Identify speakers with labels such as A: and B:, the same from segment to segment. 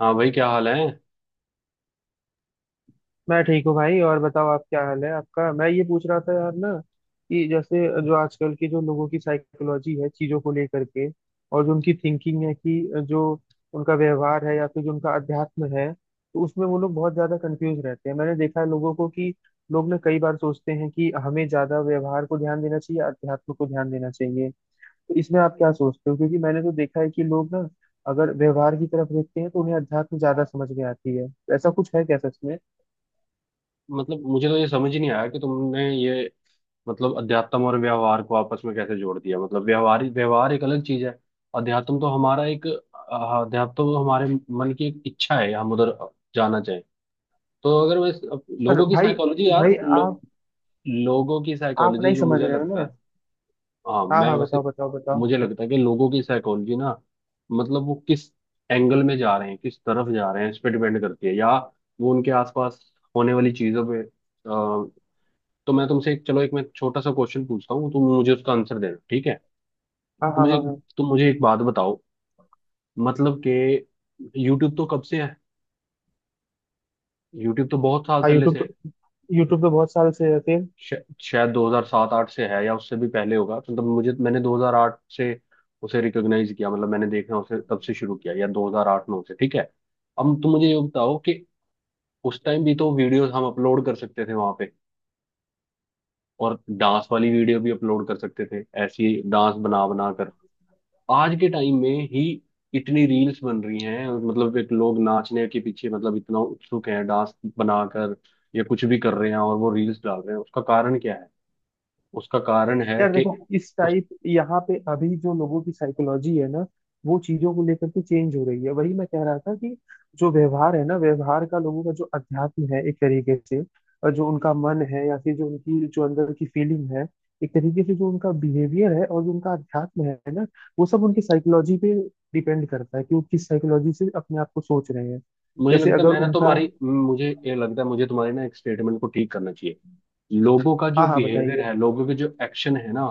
A: हाँ भाई, क्या हाल है।
B: मैं ठीक हूँ भाई। और बताओ, आप क्या हाल है आपका? मैं ये पूछ रहा था यार ना, कि जैसे जो आजकल की जो लोगों की साइकोलॉजी है चीजों को लेकर के, और जो उनकी थिंकिंग है कि जो उनका व्यवहार है या फिर जो उनका अध्यात्म है, तो उसमें वो लोग बहुत ज्यादा कंफ्यूज रहते हैं। मैंने देखा है लोगों को कि लोग ना कई बार सोचते हैं कि हमें ज्यादा व्यवहार को ध्यान देना चाहिए, अध्यात्म को ध्यान देना चाहिए। तो इसमें आप क्या सोचते हो? क्योंकि मैंने तो देखा है कि लोग ना अगर व्यवहार की तरफ देखते हैं तो उन्हें अध्यात्म ज्यादा समझ में आती है। तो ऐसा कुछ है क्या सच में?
A: मतलब मुझे तो ये समझ ही नहीं आया कि तुमने ये मतलब अध्यात्म और व्यवहार को आपस में कैसे जोड़ दिया। मतलब व्यवहार व्यवहार एक अलग चीज है। अध्यात्म तो हमारा एक अध्यात्म तो हमारे मन की एक इच्छा है, हम उधर जाना चाहें। तो अगर मैं
B: पर
A: लोगों की
B: भाई,
A: साइकोलॉजी,
B: भाई आप
A: लोगों की
B: आप
A: साइकोलॉजी
B: नहीं
A: जो
B: समझ
A: मुझे
B: रहे हो
A: लगता
B: ना।
A: है। हाँ,
B: हाँ
A: मैं
B: हाँ, बताओ
A: वैसे
B: बताओ बताओ।
A: मुझे लगता है कि लोगों की साइकोलॉजी ना, मतलब वो किस एंगल में जा रहे हैं, किस तरफ जा रहे हैं, इस पे डिपेंड करती है। या वो उनके आसपास होने वाली चीजों पे तो मैं तुमसे एक, चलो एक मैं छोटा सा क्वेश्चन पूछता हूँ, तुम मुझे उसका आंसर देना, ठीक है।
B: हाँ
A: तो
B: हाँ
A: मुझे,
B: हाँ हाँ।
A: तुम मुझे एक बात बताओ, मतलब कि यूट्यूब तो कब से है, यूट्यूब तो बहुत साल
B: हाँ,
A: पहले
B: यूट्यूब
A: से
B: तो,
A: है।
B: यूट्यूब तो बहुत साल से है फिर।
A: श- शायद 2007-8 से है, या उससे भी पहले होगा। मतलब मुझे, मैंने 2008 से उसे रिकॉग्नाइज किया, मतलब मैंने देखना उसे तब से शुरू किया, या 2008-9 से, ठीक है। अब तुम मुझे ये बताओ कि उस टाइम भी तो वीडियोस हम अपलोड कर सकते थे वहां पे, और डांस वाली वीडियो भी अपलोड कर सकते थे, ऐसी डांस बना बना कर। आज के टाइम में ही इतनी रील्स बन रही हैं, और मतलब एक लोग नाचने के पीछे, मतलब इतना उत्सुक है, डांस बनाकर या कुछ भी कर रहे हैं और वो रील्स डाल रहे हैं, उसका कारण क्या है। उसका कारण है
B: यार
A: कि
B: देखो, इस
A: उस
B: टाइप यहाँ पे अभी जो लोगों की साइकोलॉजी है ना, वो चीजों को लेकर के चेंज हो रही है। वही मैं कह रहा था कि जो व्यवहार है ना, व्यवहार का लोगों का जो अध्यात्म है एक तरीके से, और जो उनका मन है या फिर जो उनकी जो अंदर की फीलिंग है, एक तरीके से जो उनका बिहेवियर है और जो उनका अध्यात्म है ना, वो सब उनकी साइकोलॉजी पे डिपेंड करता है कि वो किस साइकोलॉजी से अपने आप को सोच रहे हैं।
A: मुझे
B: जैसे
A: लगता है,
B: अगर
A: मैं ना
B: उनका।
A: तुम्हारी मुझे ये लगता है मुझे तुम्हारे ना एक स्टेटमेंट को ठीक करना चाहिए। लोगों का जो
B: हाँ हाँ,
A: बिहेवियर
B: बताइए।
A: है, लोगों के जो एक्शन है ना,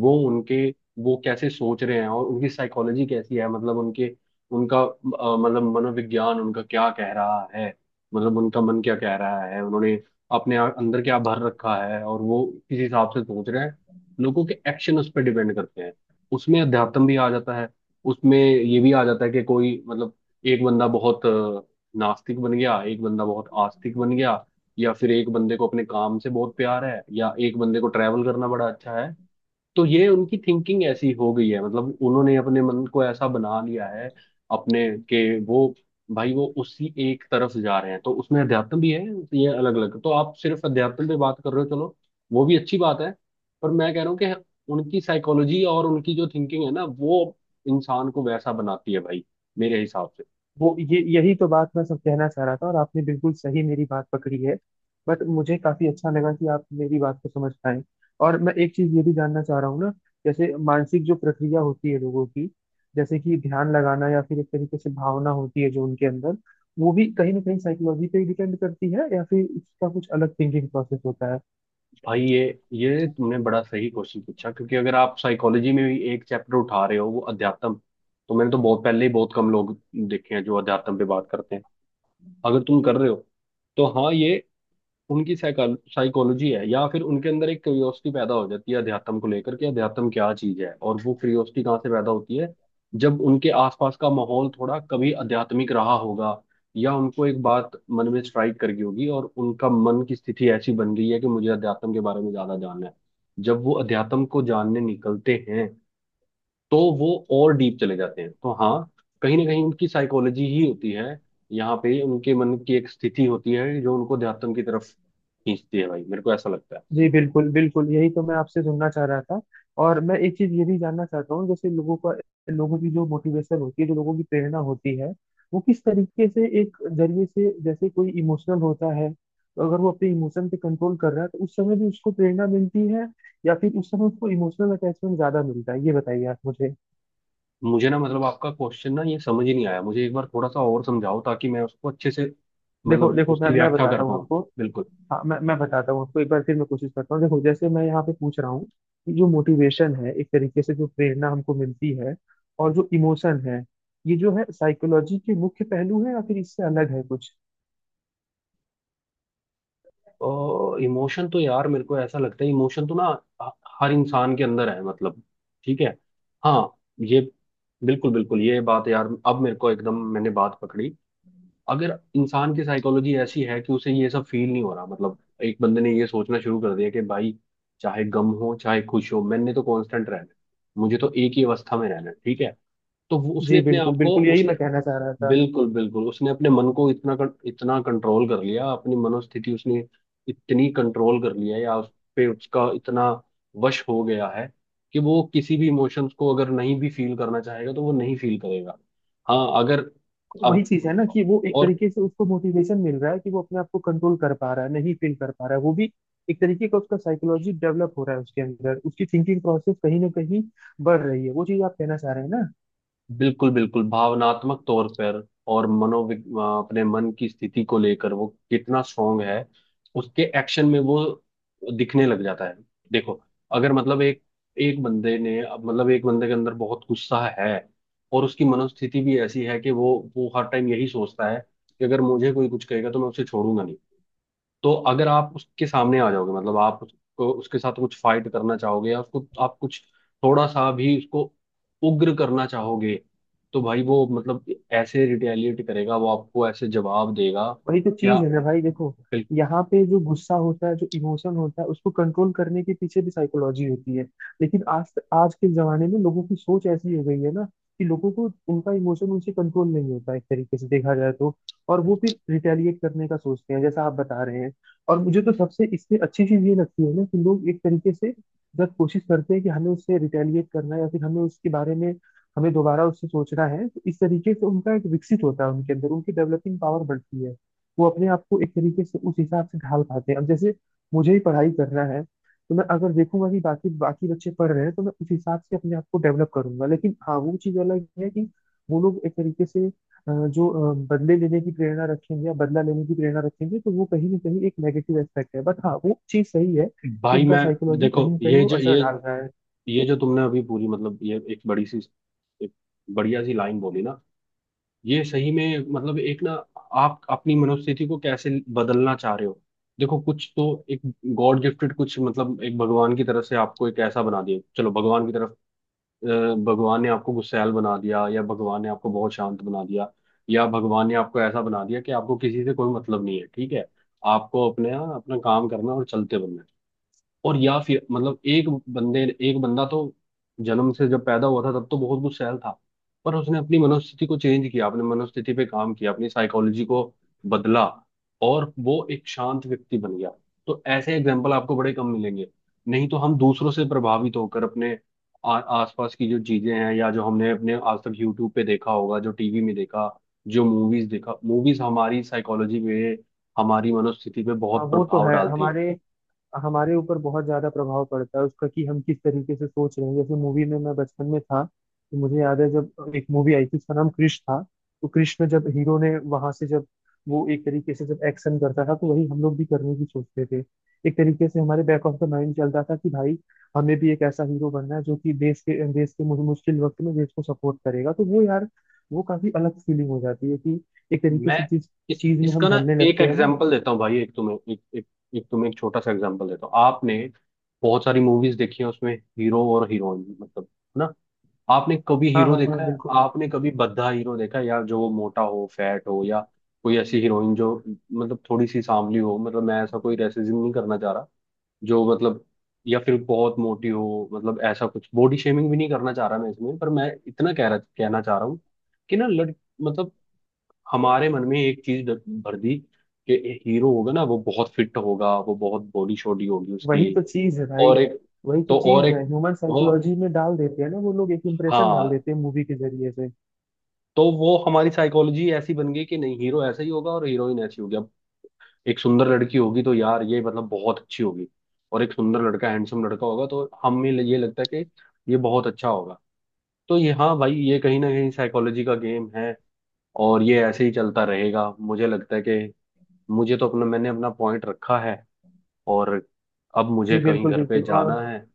A: वो उनके वो कैसे सोच रहे हैं और उनकी साइकोलॉजी कैसी है, मतलब उनके, उनका मतलब मनोविज्ञान उनका क्या कह रहा है, मतलब उनका मन क्या कह रहा है, उन्होंने अपने अंदर क्या भर रखा है और वो किस हिसाब से सोच रहे हैं, लोगों के एक्शन उस पर डिपेंड करते हैं। उसमें अध्यात्म भी आ जाता है, उसमें ये भी आ जाता है कि कोई मतलब एक बंदा बहुत नास्तिक बन गया, एक बंदा बहुत आस्तिक बन गया, या फिर एक बंदे को अपने काम से बहुत प्यार है, या एक बंदे को ट्रैवल करना बड़ा अच्छा है। तो ये उनकी थिंकिंग ऐसी हो गई है, मतलब उन्होंने अपने मन को ऐसा बना लिया है। अपने के वो, भाई वो उसी एक तरफ जा रहे हैं, तो उसमें अध्यात्म भी है। ये अलग अलग, तो आप सिर्फ अध्यात्म पे बात कर रहे हो, चलो वो भी अच्छी बात है। पर मैं कह रहा हूँ कि उनकी साइकोलॉजी और उनकी जो थिंकिंग है ना, वो इंसान को वैसा बनाती है भाई, मेरे हिसाब से।
B: वो ये यही तो बात मैं सब कहना चाह रहा था, और आपने बिल्कुल सही मेरी बात पकड़ी है। बट मुझे काफी अच्छा लगा कि आप मेरी बात को समझ पाए। और मैं एक चीज ये भी जानना चाह रहा हूँ ना, जैसे मानसिक जो प्रक्रिया होती है लोगों की, जैसे कि ध्यान लगाना या फिर एक तरीके से भावना होती है जो उनके अंदर, वो भी कहीं ना कहीं साइकोलॉजी पे डिपेंड करती है या फिर इसका कुछ अलग थिंकिंग प्रोसेस होता है?
A: भाई ये तुमने बड़ा सही क्वेश्चन पूछा, क्योंकि अगर आप साइकोलॉजी में भी एक चैप्टर उठा रहे हो वो अध्यात्म, तो मैंने तो बहुत पहले ही बहुत कम लोग देखे हैं जो अध्यात्म पे बात करते हैं। अगर तुम कर रहे हो तो हाँ, ये उनकी साइकोलॉजी है, या फिर उनके अंदर एक क्यूरियोसिटी पैदा हो जाती है अध्यात्म को लेकर, कि अध्यात्म क्या चीज है। और वो क्यूरियोसिटी कहाँ से पैदा होती है, जब उनके आसपास का माहौल थोड़ा कभी आध्यात्मिक रहा होगा, या उनको एक बात मन में स्ट्राइक कर गई होगी, और उनका मन की स्थिति ऐसी बन गई है कि मुझे अध्यात्म के बारे में ज्यादा जानना है। जब वो अध्यात्म को जानने निकलते हैं, तो वो और डीप चले जाते हैं। तो हाँ, कहीं ना कहीं उनकी साइकोलॉजी ही होती है, यहाँ पे उनके मन की एक स्थिति होती है जो उनको अध्यात्म की तरफ खींचती है भाई, मेरे को ऐसा लगता है।
B: जी बिल्कुल बिल्कुल, यही तो मैं आपसे सुनना चाह रहा था। और मैं एक चीज ये भी जानना चाहता हूँ, जैसे लोगों का, लोगों की जो मोटिवेशन होती है, जो लोगों की प्रेरणा होती है, वो किस तरीके से एक जरिए से जैसे कोई इमोशनल होता है तो अगर वो अपने इमोशन पे कंट्रोल कर रहा है तो उस समय भी उसको प्रेरणा मिलती है, या फिर उस समय उसको इमोशनल अटैचमेंट ज्यादा मिलता है? ये बताइए आप मुझे।
A: मुझे ना, मतलब आपका क्वेश्चन ना ये समझ ही नहीं आया मुझे, एक बार थोड़ा सा और समझाओ, ताकि मैं उसको अच्छे से
B: देखो
A: मतलब
B: देखो, मैं
A: उसकी
B: मैं
A: व्याख्या कर
B: बताता हूँ
A: पाऊँ।
B: आपको।
A: बिल्कुल।
B: हाँ, मैं बताता हूँ आपको। एक बार फिर मैं कोशिश करता हूँ। देखो जैसे मैं यहाँ पे पूछ रहा हूँ कि जो मोटिवेशन है एक तरीके से जो प्रेरणा हमको मिलती है, और जो इमोशन है, ये जो है साइकोलॉजी के मुख्य पहलू है या फिर इससे अलग है कुछ?
A: और इमोशन तो यार मेरे को ऐसा लगता है, इमोशन तो ना ह- हर इंसान के अंदर है, मतलब ठीक है। हाँ। ये बिल्कुल बिल्कुल ये बात यार, अब मेरे को एकदम मैंने बात पकड़ी। अगर इंसान की साइकोलॉजी ऐसी है कि उसे ये सब फील नहीं हो रहा, मतलब एक बंदे ने ये सोचना शुरू कर दिया कि भाई, चाहे गम हो चाहे खुश हो, मैंने तो कांस्टेंट रहना है, मुझे तो एक ही अवस्था में रहना है, ठीक है। तो वो उसने
B: जी
A: अपने आप
B: बिल्कुल
A: को
B: बिल्कुल, यही
A: उसने,
B: मैं कहना चाह रहा था।
A: बिल्कुल बिल्कुल उसने अपने मन को इतना इतना कंट्रोल कर लिया, अपनी मनोस्थिति उसने इतनी कंट्रोल कर लिया, या उस पे उसका इतना वश हो गया है कि वो किसी भी इमोशंस को अगर नहीं भी फील करना चाहेगा तो वो नहीं फील करेगा। हाँ, अगर
B: तो वही
A: अब
B: चीज है ना कि वो एक
A: और
B: तरीके से उसको मोटिवेशन मिल रहा है कि वो अपने आप को कंट्रोल कर पा रहा है, नहीं फील कर पा रहा है। वो भी एक तरीके का उसका साइकोलॉजी डेवलप हो रहा है उसके अंदर, उसकी थिंकिंग प्रोसेस कहीं ना कहीं बढ़ रही है। वो चीज आप कहना चाह रहे हैं ना?
A: बिल्कुल बिल्कुल भावनात्मक तौर पर, और अपने मन की स्थिति को लेकर वो कितना स्ट्रांग है, उसके एक्शन में वो दिखने लग जाता है। देखो, अगर मतलब एक, एक बंदे ने, अब मतलब एक बंदे के अंदर बहुत गुस्सा है, और उसकी मनोस्थिति भी ऐसी है कि वो हर टाइम यही सोचता है कि अगर मुझे कोई कुछ कहेगा तो मैं उसे छोड़ूंगा नहीं। तो अगर आप उसके सामने आ जाओगे, मतलब आप उसको उसके साथ कुछ फाइट करना चाहोगे, या उसको आप कुछ थोड़ा सा भी उसको उग्र करना चाहोगे, तो भाई वो मतलब ऐसे रिटेलिएट करेगा, वो आपको ऐसे जवाब देगा।
B: वही तो चीज
A: क्या?
B: है ना भाई, देखो यहाँ पे जो गुस्सा होता है, जो इमोशन होता है, उसको कंट्रोल करने के पीछे भी साइकोलॉजी होती है। लेकिन आज, आज के जमाने में लोगों की सोच ऐसी हो गई है ना कि लोगों को उनका इमोशन उनसे कंट्रोल नहीं होता एक तरीके से देखा जाए तो। और वो फिर रिटेलिएट करने का सोचते हैं, जैसा आप बता रहे हैं। और मुझे तो सबसे इससे अच्छी चीज ये लगती है ना कि लोग एक तरीके से जब कोशिश करते हैं कि हमें उससे रिटेलिएट करना है या फिर हमें उसके बारे में, हमें दोबारा उससे सोचना है, तो इस तरीके से उनका एक विकसित होता है, उनके अंदर उनकी डेवलपिंग पावर बढ़ती है। वो अपने आप को एक तरीके से उस हिसाब से ढाल पाते हैं। अब जैसे मुझे ही पढ़ाई करना है, तो मैं अगर देखूंगा कि बाकी बाकी बच्चे पढ़ रहे हैं तो मैं उस हिसाब से अपने आप को डेवलप करूंगा। लेकिन हाँ, वो चीज अलग है कि वो लोग एक तरीके से जो बदले लेने की प्रेरणा रखेंगे या बदला लेने की प्रेरणा रखेंगे, तो वो कहीं ना कहीं एक नेगेटिव एस्पेक्ट है। बट हाँ, वो चीज सही है कि
A: भाई
B: उनका
A: मैं,
B: साइकोलॉजी
A: देखो
B: कहीं ना कहीं
A: ये
B: वो
A: जो
B: असर
A: ये
B: डाल रहा है।
A: ये जो तुमने अभी पूरी, मतलब ये एक बड़ी सी एक बढ़िया सी लाइन बोली ना, ये सही में मतलब एक ना, आप अपनी मनोस्थिति को कैसे बदलना चाह रहे हो। देखो कुछ तो एक गॉड गिफ्टेड, कुछ मतलब एक भगवान की तरफ से आपको एक ऐसा बना दिया, चलो भगवान की तरफ, अ, भगवान ने आपको गुस्सैल बना दिया, या भगवान ने आपको बहुत शांत बना दिया, या भगवान ने आपको ऐसा बना दिया कि आपको किसी से कोई मतलब नहीं है, ठीक है। आपको अपने अपना काम करना और चलते बनना है। और या फिर मतलब एक बंदे, एक बंदा तो जन्म से जब पैदा हुआ था, तब तो बहुत कुछ सहल था, पर उसने अपनी मनोस्थिति को चेंज किया, अपने मनोस्थिति पे काम किया, अपनी साइकोलॉजी को बदला, और वो एक शांत व्यक्ति बन गया। तो ऐसे एग्जाम्पल आपको बड़े कम मिलेंगे, नहीं तो हम दूसरों से प्रभावित होकर अपने आसपास की जो चीजें हैं, या जो हमने अपने आज तक यूट्यूब पे देखा होगा, जो टीवी में देखा, जो मूवीज देखा, मूवीज हमारी साइकोलॉजी पे, हमारी मनोस्थिति पे बहुत
B: वो तो
A: प्रभाव
B: है,
A: डालती हैं।
B: हमारे हमारे ऊपर बहुत ज्यादा प्रभाव पड़ता है उसका कि हम किस तरीके से सोच रहे हैं। जैसे मूवी में, मैं बचपन में था तो मुझे याद है, जब एक मूवी आई थी उसका नाम कृष था। तो कृष में जब हीरो ने वहां से, जब वो एक तरीके से जब एक्शन करता था, तो वही हम लोग भी करने की सोचते थे। एक तरीके से हमारे बैक ऑफ द माइंड चलता था कि भाई हमें भी एक ऐसा हीरो बनना है जो कि देश के मुश्किल वक्त में देश को सपोर्ट करेगा। तो वो यार, वो काफी अलग फीलिंग हो जाती है कि एक तरीके
A: मैं
B: से जिस
A: इस,
B: चीज में हम
A: इसका ना
B: ढलने
A: एक
B: लगते हैं ना।
A: एग्जांपल देता हूँ भाई, एक तुम्हें एक छोटा सा एग्जांपल देता हूँ। आपने बहुत सारी मूवीज देखी है, उसमें हीरो और हीरोइन मतलब है ना, आपने कभी
B: हाँ
A: हीरो
B: हाँ हाँ,
A: देखा है?
B: बिल्कुल।
A: आपने कभी भद्दा हीरो देखा है, या जो वो मोटा हो, फैट हो, या कोई ऐसी हीरोइन जो मतलब थोड़ी सी सांवली हो? मतलब मैं ऐसा कोई रेसिज्म नहीं करना चाह रहा, जो मतलब या फिर बहुत मोटी हो, मतलब ऐसा कुछ बॉडी शेमिंग भी नहीं करना चाह रहा मैं इसमें, पर मैं इतना कह रहा कहना चाह रहा हूँ कि ना लड़, मतलब हमारे मन में एक चीज भर दी कि हीरो होगा ना वो बहुत फिट होगा, वो बहुत बॉडी शॉडी होगी उसकी।
B: वही तो चीज है भाई,
A: और एक
B: वही तो
A: तो, और
B: चीज
A: एक
B: है। ह्यूमन
A: वो,
B: साइकोलॉजी में डाल देते हैं ना वो लोग, एक इम्प्रेशन डाल
A: हाँ
B: देते हैं मूवी के जरिए से।
A: तो वो हमारी साइकोलॉजी ऐसी बन गई कि नहीं, हीरो ऐसा ही होगा और हीरोइन ऐसी होगी। अब एक सुंदर लड़की होगी तो यार ये मतलब बहुत अच्छी होगी, और एक सुंदर लड़का, हैंडसम लड़का होगा तो हमें ये लगता है कि ये बहुत अच्छा होगा। तो ये, हाँ भाई ये कहीं ना कहीं साइकोलॉजी का गेम है, और ये ऐसे ही चलता रहेगा। मुझे लगता है कि मुझे तो अपना, मैंने अपना पॉइंट रखा है, और अब
B: जी
A: मुझे कहीं
B: बिल्कुल
A: घर पे
B: बिल्कुल। और
A: जाना है,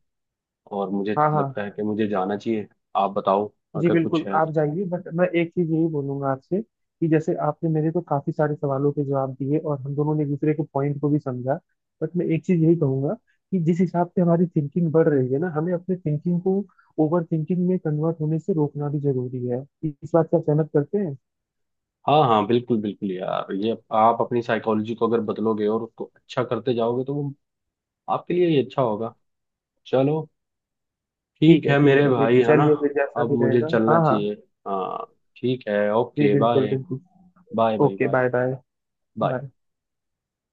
A: और मुझे
B: हाँ हाँ,
A: लगता है कि मुझे जाना चाहिए। आप बताओ,
B: जी
A: अगर कुछ
B: बिल्कुल,
A: है
B: आप
A: तो।
B: जाइए। बट मैं एक चीज यही बोलूंगा आपसे कि जैसे आपने मेरे तो काफी सारे सवालों के जवाब दिए और हम दोनों ने एक दूसरे के पॉइंट को भी समझा। बट मैं एक चीज यही कहूंगा कि जिस हिसाब से हमारी थिंकिंग बढ़ रही है ना, हमें अपने थिंकिंग को ओवर थिंकिंग में कन्वर्ट होने से रोकना भी जरूरी है। इस बात से आप सहमत करते हैं?
A: हाँ हाँ, बिल्कुल बिल्कुल यार, ये आप अपनी साइकोलॉजी को अगर बदलोगे और उसको अच्छा करते जाओगे, तो वो आपके लिए ही अच्छा होगा। चलो,
B: ठीक
A: ठीक
B: है
A: है
B: ठीक
A: मेरे
B: है, फिर
A: भाई, है ना।
B: चलिए, फिर जैसा
A: अब
B: भी
A: मुझे
B: रहेगा।
A: चलना
B: हाँ हाँ,
A: चाहिए। हाँ, ठीक है,
B: जी
A: ओके,
B: बिल्कुल
A: बाय।
B: बिल्कुल।
A: Bye
B: okay
A: bye.
B: Bye, bye
A: bye.
B: Bye.